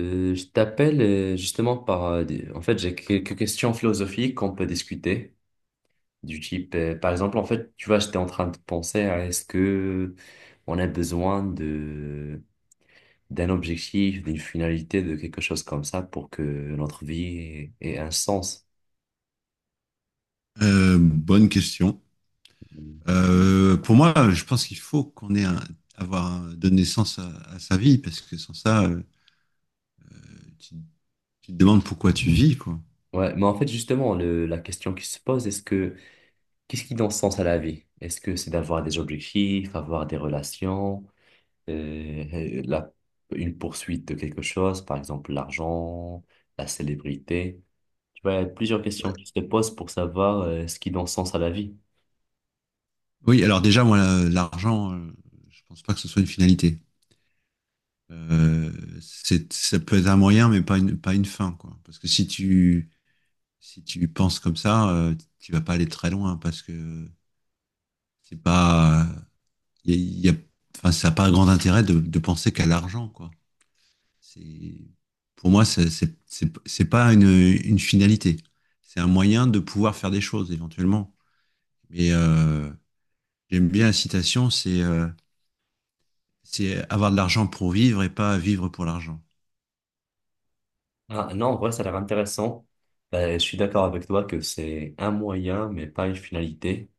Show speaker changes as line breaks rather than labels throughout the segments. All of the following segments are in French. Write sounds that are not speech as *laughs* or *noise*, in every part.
Je t'appelle En fait, j'ai quelques questions philosophiques qu'on peut discuter, du type, par exemple, en fait, tu vois, j'étais en train de penser à est-ce que on a besoin de d'un objectif, d'une finalité, de quelque chose comme ça pour que notre vie ait un sens.
Bonne question. Pour moi, je pense qu'il faut qu'on ait un, donne naissance à sa vie parce que sans ça, tu, tu te demandes pourquoi tu vis, quoi.
Ouais, mais en fait, justement, la question qui se pose, est-ce que qu'est-ce qui donne sens à la vie? Est-ce que c'est d'avoir des objectifs, avoir des relations? euh, la- une poursuite de quelque chose, par exemple l'argent, la célébrité. Tu vois, il y a plusieurs questions qui se posent pour savoir ce qui donne sens à la vie.
Oui, alors déjà, moi, l'argent, je pense pas que ce soit une finalité. Euh, c'est, ça peut être un moyen, mais pas une, pas une fin, quoi. Parce que si tu, si tu penses comme ça, tu vas pas aller très loin parce que c'est pas, il y a, enfin, ça n'a pas grand intérêt de penser qu'à l'argent, quoi. C'est- Pour moi, c'est pas une, une finalité. C'est un moyen de pouvoir faire des choses éventuellement. Mais j'aime bien la citation, c'est avoir de l'argent pour vivre et pas vivre pour l'argent.
Ah, non, en vrai, ça a l'air intéressant. Je suis d'accord avec toi que c'est un moyen, mais pas une finalité.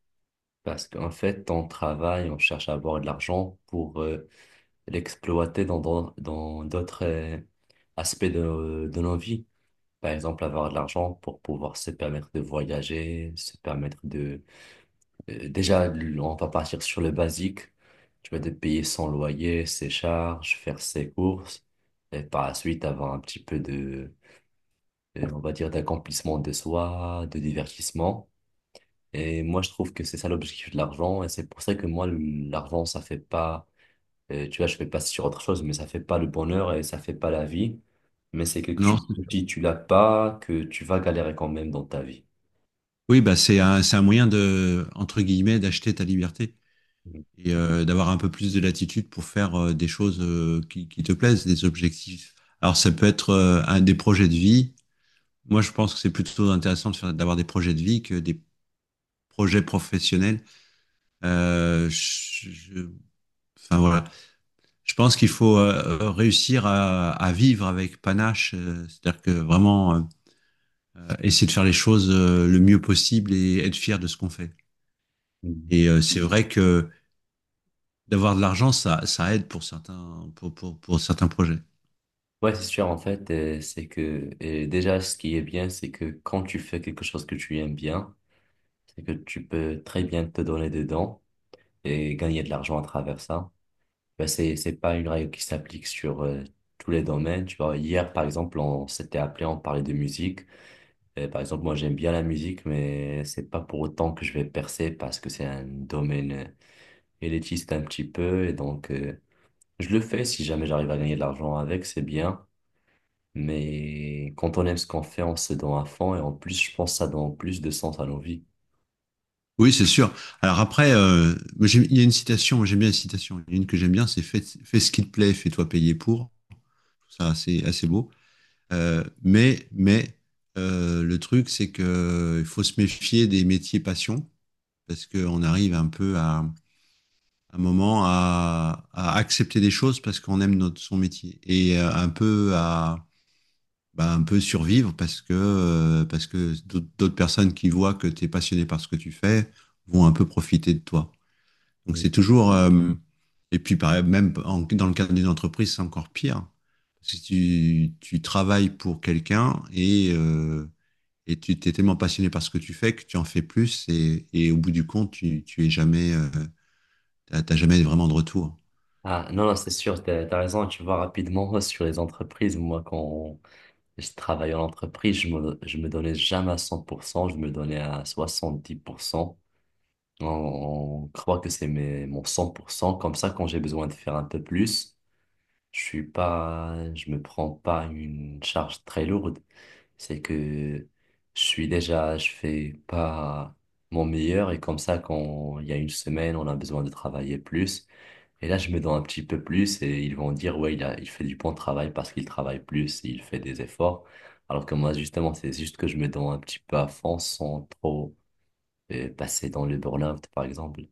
Parce qu'en fait, on travaille, on cherche à avoir de l'argent pour l'exploiter dans d'autres aspects de nos vies. Par exemple, avoir de l'argent pour pouvoir se permettre de voyager, se permettre de Déjà, on va partir sur le basique. Tu vas te payer son loyer, ses charges, faire ses courses, et par la suite avoir un petit peu on va dire, d'accomplissement de soi, de divertissement. Et moi, je trouve que c'est ça l'objectif de l'argent, et c'est pour ça que moi, l'argent, ça fait pas, tu vois, je fais pas sur autre chose, mais ça fait pas le bonheur et ça fait pas la vie. Mais c'est quelque chose
Non?
que si tu l'as pas, que tu vas galérer quand même dans ta vie.
Oui, bah c'est un moyen de, entre guillemets, d'acheter ta liberté. Et d'avoir un peu plus de latitude pour faire des choses qui te plaisent, des objectifs. Alors ça peut être un des projets de vie. Moi, je pense que c'est plutôt intéressant de d'avoir des projets de vie que des projets professionnels. Euh, je- je- enfin voilà, je pense qu'il faut réussir à vivre avec panache, c'est-à-dire que vraiment essayer de faire les choses le mieux possible et être fier de ce qu'on fait. Et c'est vrai que d'avoir de l'argent, ça aide pour certains projets.
Ouais, c'est sûr, en fait, c'est que déjà, ce qui est bien, c'est que quand tu fais quelque chose que tu aimes bien, c'est que tu peux très bien te donner dedans et gagner de l'argent à travers ça. Ben, c'est pas une règle qui s'applique sur tous les domaines. Tu vois, hier, par exemple, on s'était appelé, on parlait de musique. Par exemple, moi, j'aime bien la musique, mais c'est pas pour autant que je vais percer parce que c'est un domaine élitiste un petit peu. Et donc, je le fais si jamais j'arrive à gagner de l'argent avec, c'est bien. Mais quand on aime ce qu'on fait, on se donne à fond et en plus, je pense que ça donne plus de sens à nos vies.
Oui, c'est sûr. Alors après, moi, il y a une citation, moi, j'aime bien la citation. Il y a une que j'aime bien, c'est fais, fais ce qui te plaît, fais-toi payer pour. Ça, assez, assez beau. Mais le truc, c'est que il faut se méfier des métiers passion parce qu'on arrive un peu à, un moment à accepter des choses parce qu'on aime notre, son métier et un peu à, bah, un peu survivre parce que d'autres personnes qui voient que tu es passionné par ce que tu fais vont un peu profiter de toi. Donc
Mm.
c'est toujours. Et puis pareil, même dans le cadre d'une entreprise, c'est encore pire. Parce que tu travailles pour quelqu'un et tu t'es tellement passionné par ce que tu fais que tu en fais plus et au bout du compte, tu es jamais, t'as jamais vraiment de retour.
Ah non, non, c'est sûr, t'as raison, tu vois, rapidement *laughs* sur les entreprises, moi quand je travaillais en entreprise, je me donnais jamais à 100%. Je me donnais à 70%. On croit que c'est mon 100% comme ça quand j'ai besoin de faire un peu plus, je me prends pas une charge très lourde. C'est que je fais pas mon meilleur et comme ça, quand il y a une semaine, on a besoin de travailler plus. Et là, je me donne un petit peu plus et ils vont dire, ouais, il fait du bon travail parce qu'il travaille plus, il fait des efforts. Alors que moi, justement, c'est juste que je me donne un petit peu à fond sans trop passer dans le burn-out, par exemple.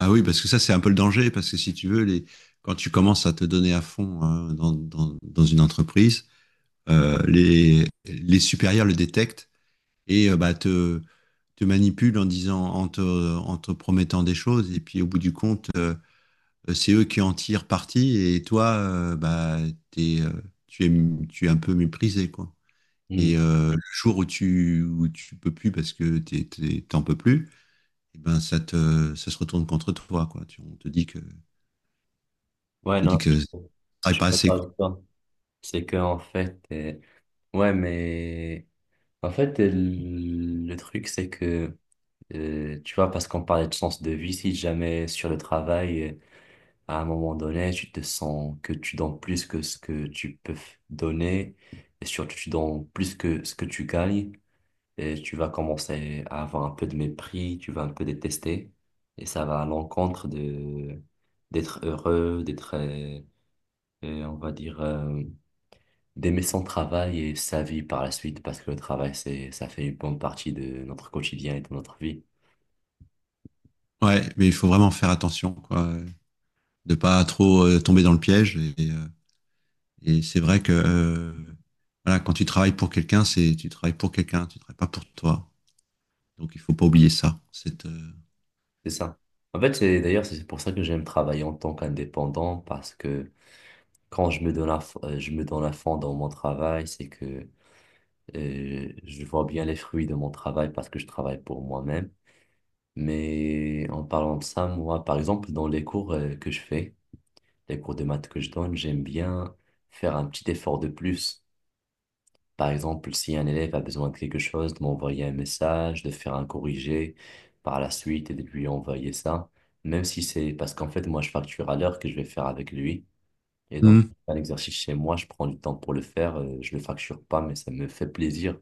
Ah oui, parce que ça, c'est un peu le danger, parce que si tu veux, les, quand tu commences à te donner à fond hein, dans une entreprise, les supérieurs le détectent et bah, te manipulent en disant, en te promettant des choses. Et puis au bout du compte, c'est eux qui en tirent parti et toi, bah, t'es, euh, tu es un peu méprisé, quoi.
Hmm.
Et le jour où tu peux plus parce que t'en peux plus, eh ben ça te, ça se retourne contre toi, quoi. On te on
Ouais,
te
non,
dit que tu
je
travailles
je
pas
peux
assez,
pas
quoi.
avec toi. C'est que, en fait, ouais, mais en fait, le truc, c'est que tu vois, parce qu'on parlait de sens de vie, si jamais sur le travail, à un moment donné, tu te sens que tu donnes plus que ce que tu peux donner, et surtout tu donnes plus que ce que tu gagnes, et tu vas commencer à avoir un peu de mépris, tu vas un peu détester, et ça va à l'encontre de d'être heureux, on va dire, d'aimer son travail et sa vie par la suite, parce que le travail, ça fait une bonne partie de notre quotidien et de notre vie.
Ouais, mais il faut vraiment faire attention, quoi, de pas trop tomber dans le piège et. Et c'est vrai que voilà, quand tu travailles pour quelqu'un, c'est tu travailles pour quelqu'un, tu travailles pas pour toi. Donc il faut pas oublier ça.
C'est ça. En fait, c'est d'ailleurs c'est pour ça que j'aime travailler en tant qu'indépendant parce que quand je me donne je me donne à fond dans mon travail, c'est que je vois bien les fruits de mon travail parce que je travaille pour moi-même. Mais en parlant de ça, moi, par exemple, dans les cours que je fais, les cours de maths que je donne, j'aime bien faire un petit effort de plus. Par exemple, si un élève a besoin de quelque chose, de m'envoyer un message, de faire un corrigé par la suite et de lui envoyer ça, même si c'est parce qu'en fait, moi, je facture à l'heure que je vais faire avec lui. Et donc,
Mhm.
un exercice chez moi, je prends du temps pour le faire, je le facture pas, mais ça me fait plaisir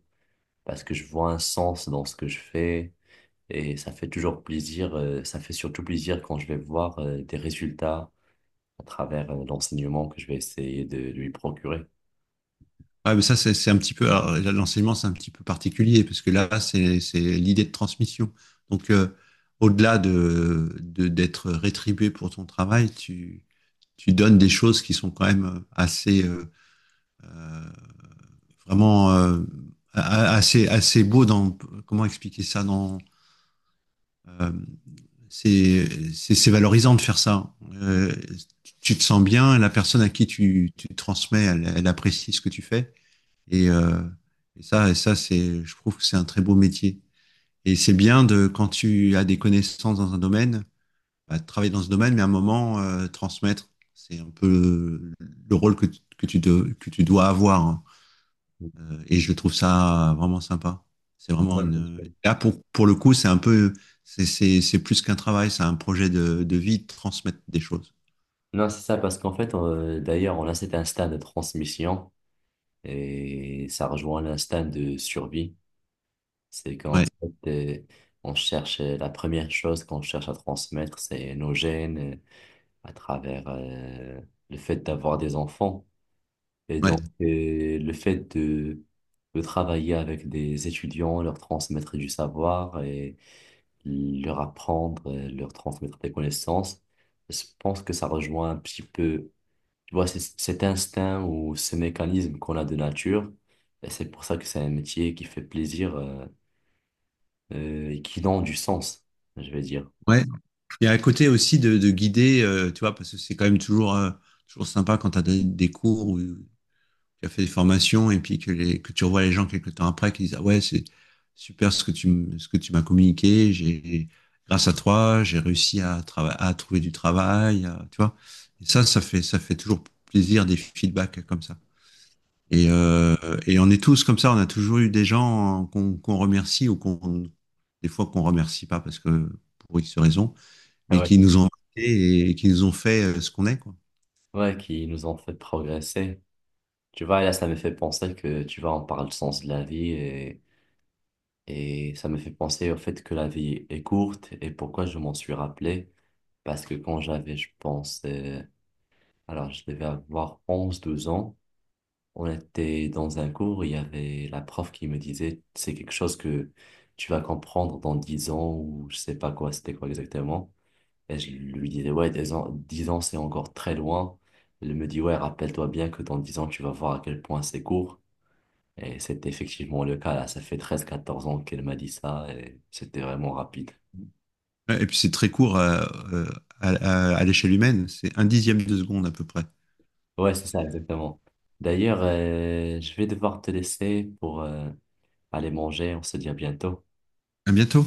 parce que je vois un sens dans ce que je fais et ça fait toujours plaisir, ça fait surtout plaisir quand je vais voir, des résultats à travers, l'enseignement que je vais essayer de lui procurer.
Ouais, mais ça, c'est un petit peu. Alors, là, l'enseignement, c'est un petit peu particulier, parce que là, c'est l'idée de transmission. Donc, au-delà de d'être rétribué pour ton travail, tu donnes des choses qui sont quand même assez. Euh, Vraiment. A- Assez, assez beau dans. Comment expliquer ça dans. euh, c'est valorisant de faire ça. Tu te sens bien, la personne à qui tu, tu transmets, elle, elle, apprécie ce que tu fais. Et, euh, et ça, et ça c'est, je trouve que c'est un très beau métier. Et c'est bien de quand tu as des connaissances dans un domaine, bah, travailler dans ce domaine, mais à un moment transmettre, c'est un peu le rôle que tu, de, que tu dois avoir. Hein. Et je trouve ça vraiment sympa. C'est vraiment
Ouais, je
une.
pense.
Là, pour le coup, c'est un peu. C'est plus qu'un travail, c'est un projet de vie, de transmettre des choses.
Non, c'est ça, parce qu'en fait, d'ailleurs, on a cet instinct de transmission et ça rejoint l'instinct de survie. C'est qu'en
Ouais,
fait, on cherche la première chose qu'on cherche à transmettre, c'est nos gènes, à travers le fait d'avoir des enfants. Et
ouais,
donc, le fait de travailler avec des étudiants, leur transmettre du savoir et leur apprendre, leur transmettre des connaissances, je pense que ça rejoint un petit peu. Tu vois, c'est cet instinct ou ce mécanisme qu'on a de nature. Et c'est pour ça que c'est un métier qui fait plaisir et qui donne du sens, je vais dire.
ouais. Il y a un côté aussi de guider, tu vois, parce que c'est quand même toujours, toujours sympa quand tu as des cours où tu as fait des formations et puis que, les, que tu revois les gens quelques temps après qui disent ah ouais c'est super ce que tu ce que tu m'as communiqué j'ai grâce à toi j'ai réussi à à trouver du travail tu vois et ça ça fait toujours plaisir des feedbacks comme ça
Mm.
et. Et on est tous comme ça on a toujours eu des gens qu'on qu'on remercie ou qu'on des fois qu'on remercie pas parce que pour X raison
Ah
mais
Ouais,
qui
c'est-
nous
ça.
ont marqué et qui nous ont fait ce qu'on est quoi.
Ouais, qui nous ont fait progresser. Tu vois, là, ça me fait penser que, tu vois, on parle du sens de la vie et, ça me fait penser au fait que la vie est courte et pourquoi je m'en suis rappelé. Parce que quand j'avais, je pense, alors je devais avoir onze douze ans. On était dans un cours, il y avait la prof qui me disait, c'est quelque chose que tu vas comprendre dans 10 ans ou je sais pas quoi, c'était quoi exactement. Et je lui disais, ouais, 10 ans, 10 ans, c'est encore très loin. Elle me dit, ouais, rappelle-toi bien que dans 10 ans, tu vas voir à quel point c'est court. Et c'était effectivement le cas, là, ça fait 13 14 ans qu'elle m'a dit ça et c'était vraiment rapide.
Ouais, et puis c'est très court à, euh, à l'échelle humaine, c'est un dixième de seconde à peu près.
Ouais, c'est ça, exactement. D'ailleurs, je vais devoir te laisser pour aller manger, on se dit à bientôt.
À bientôt.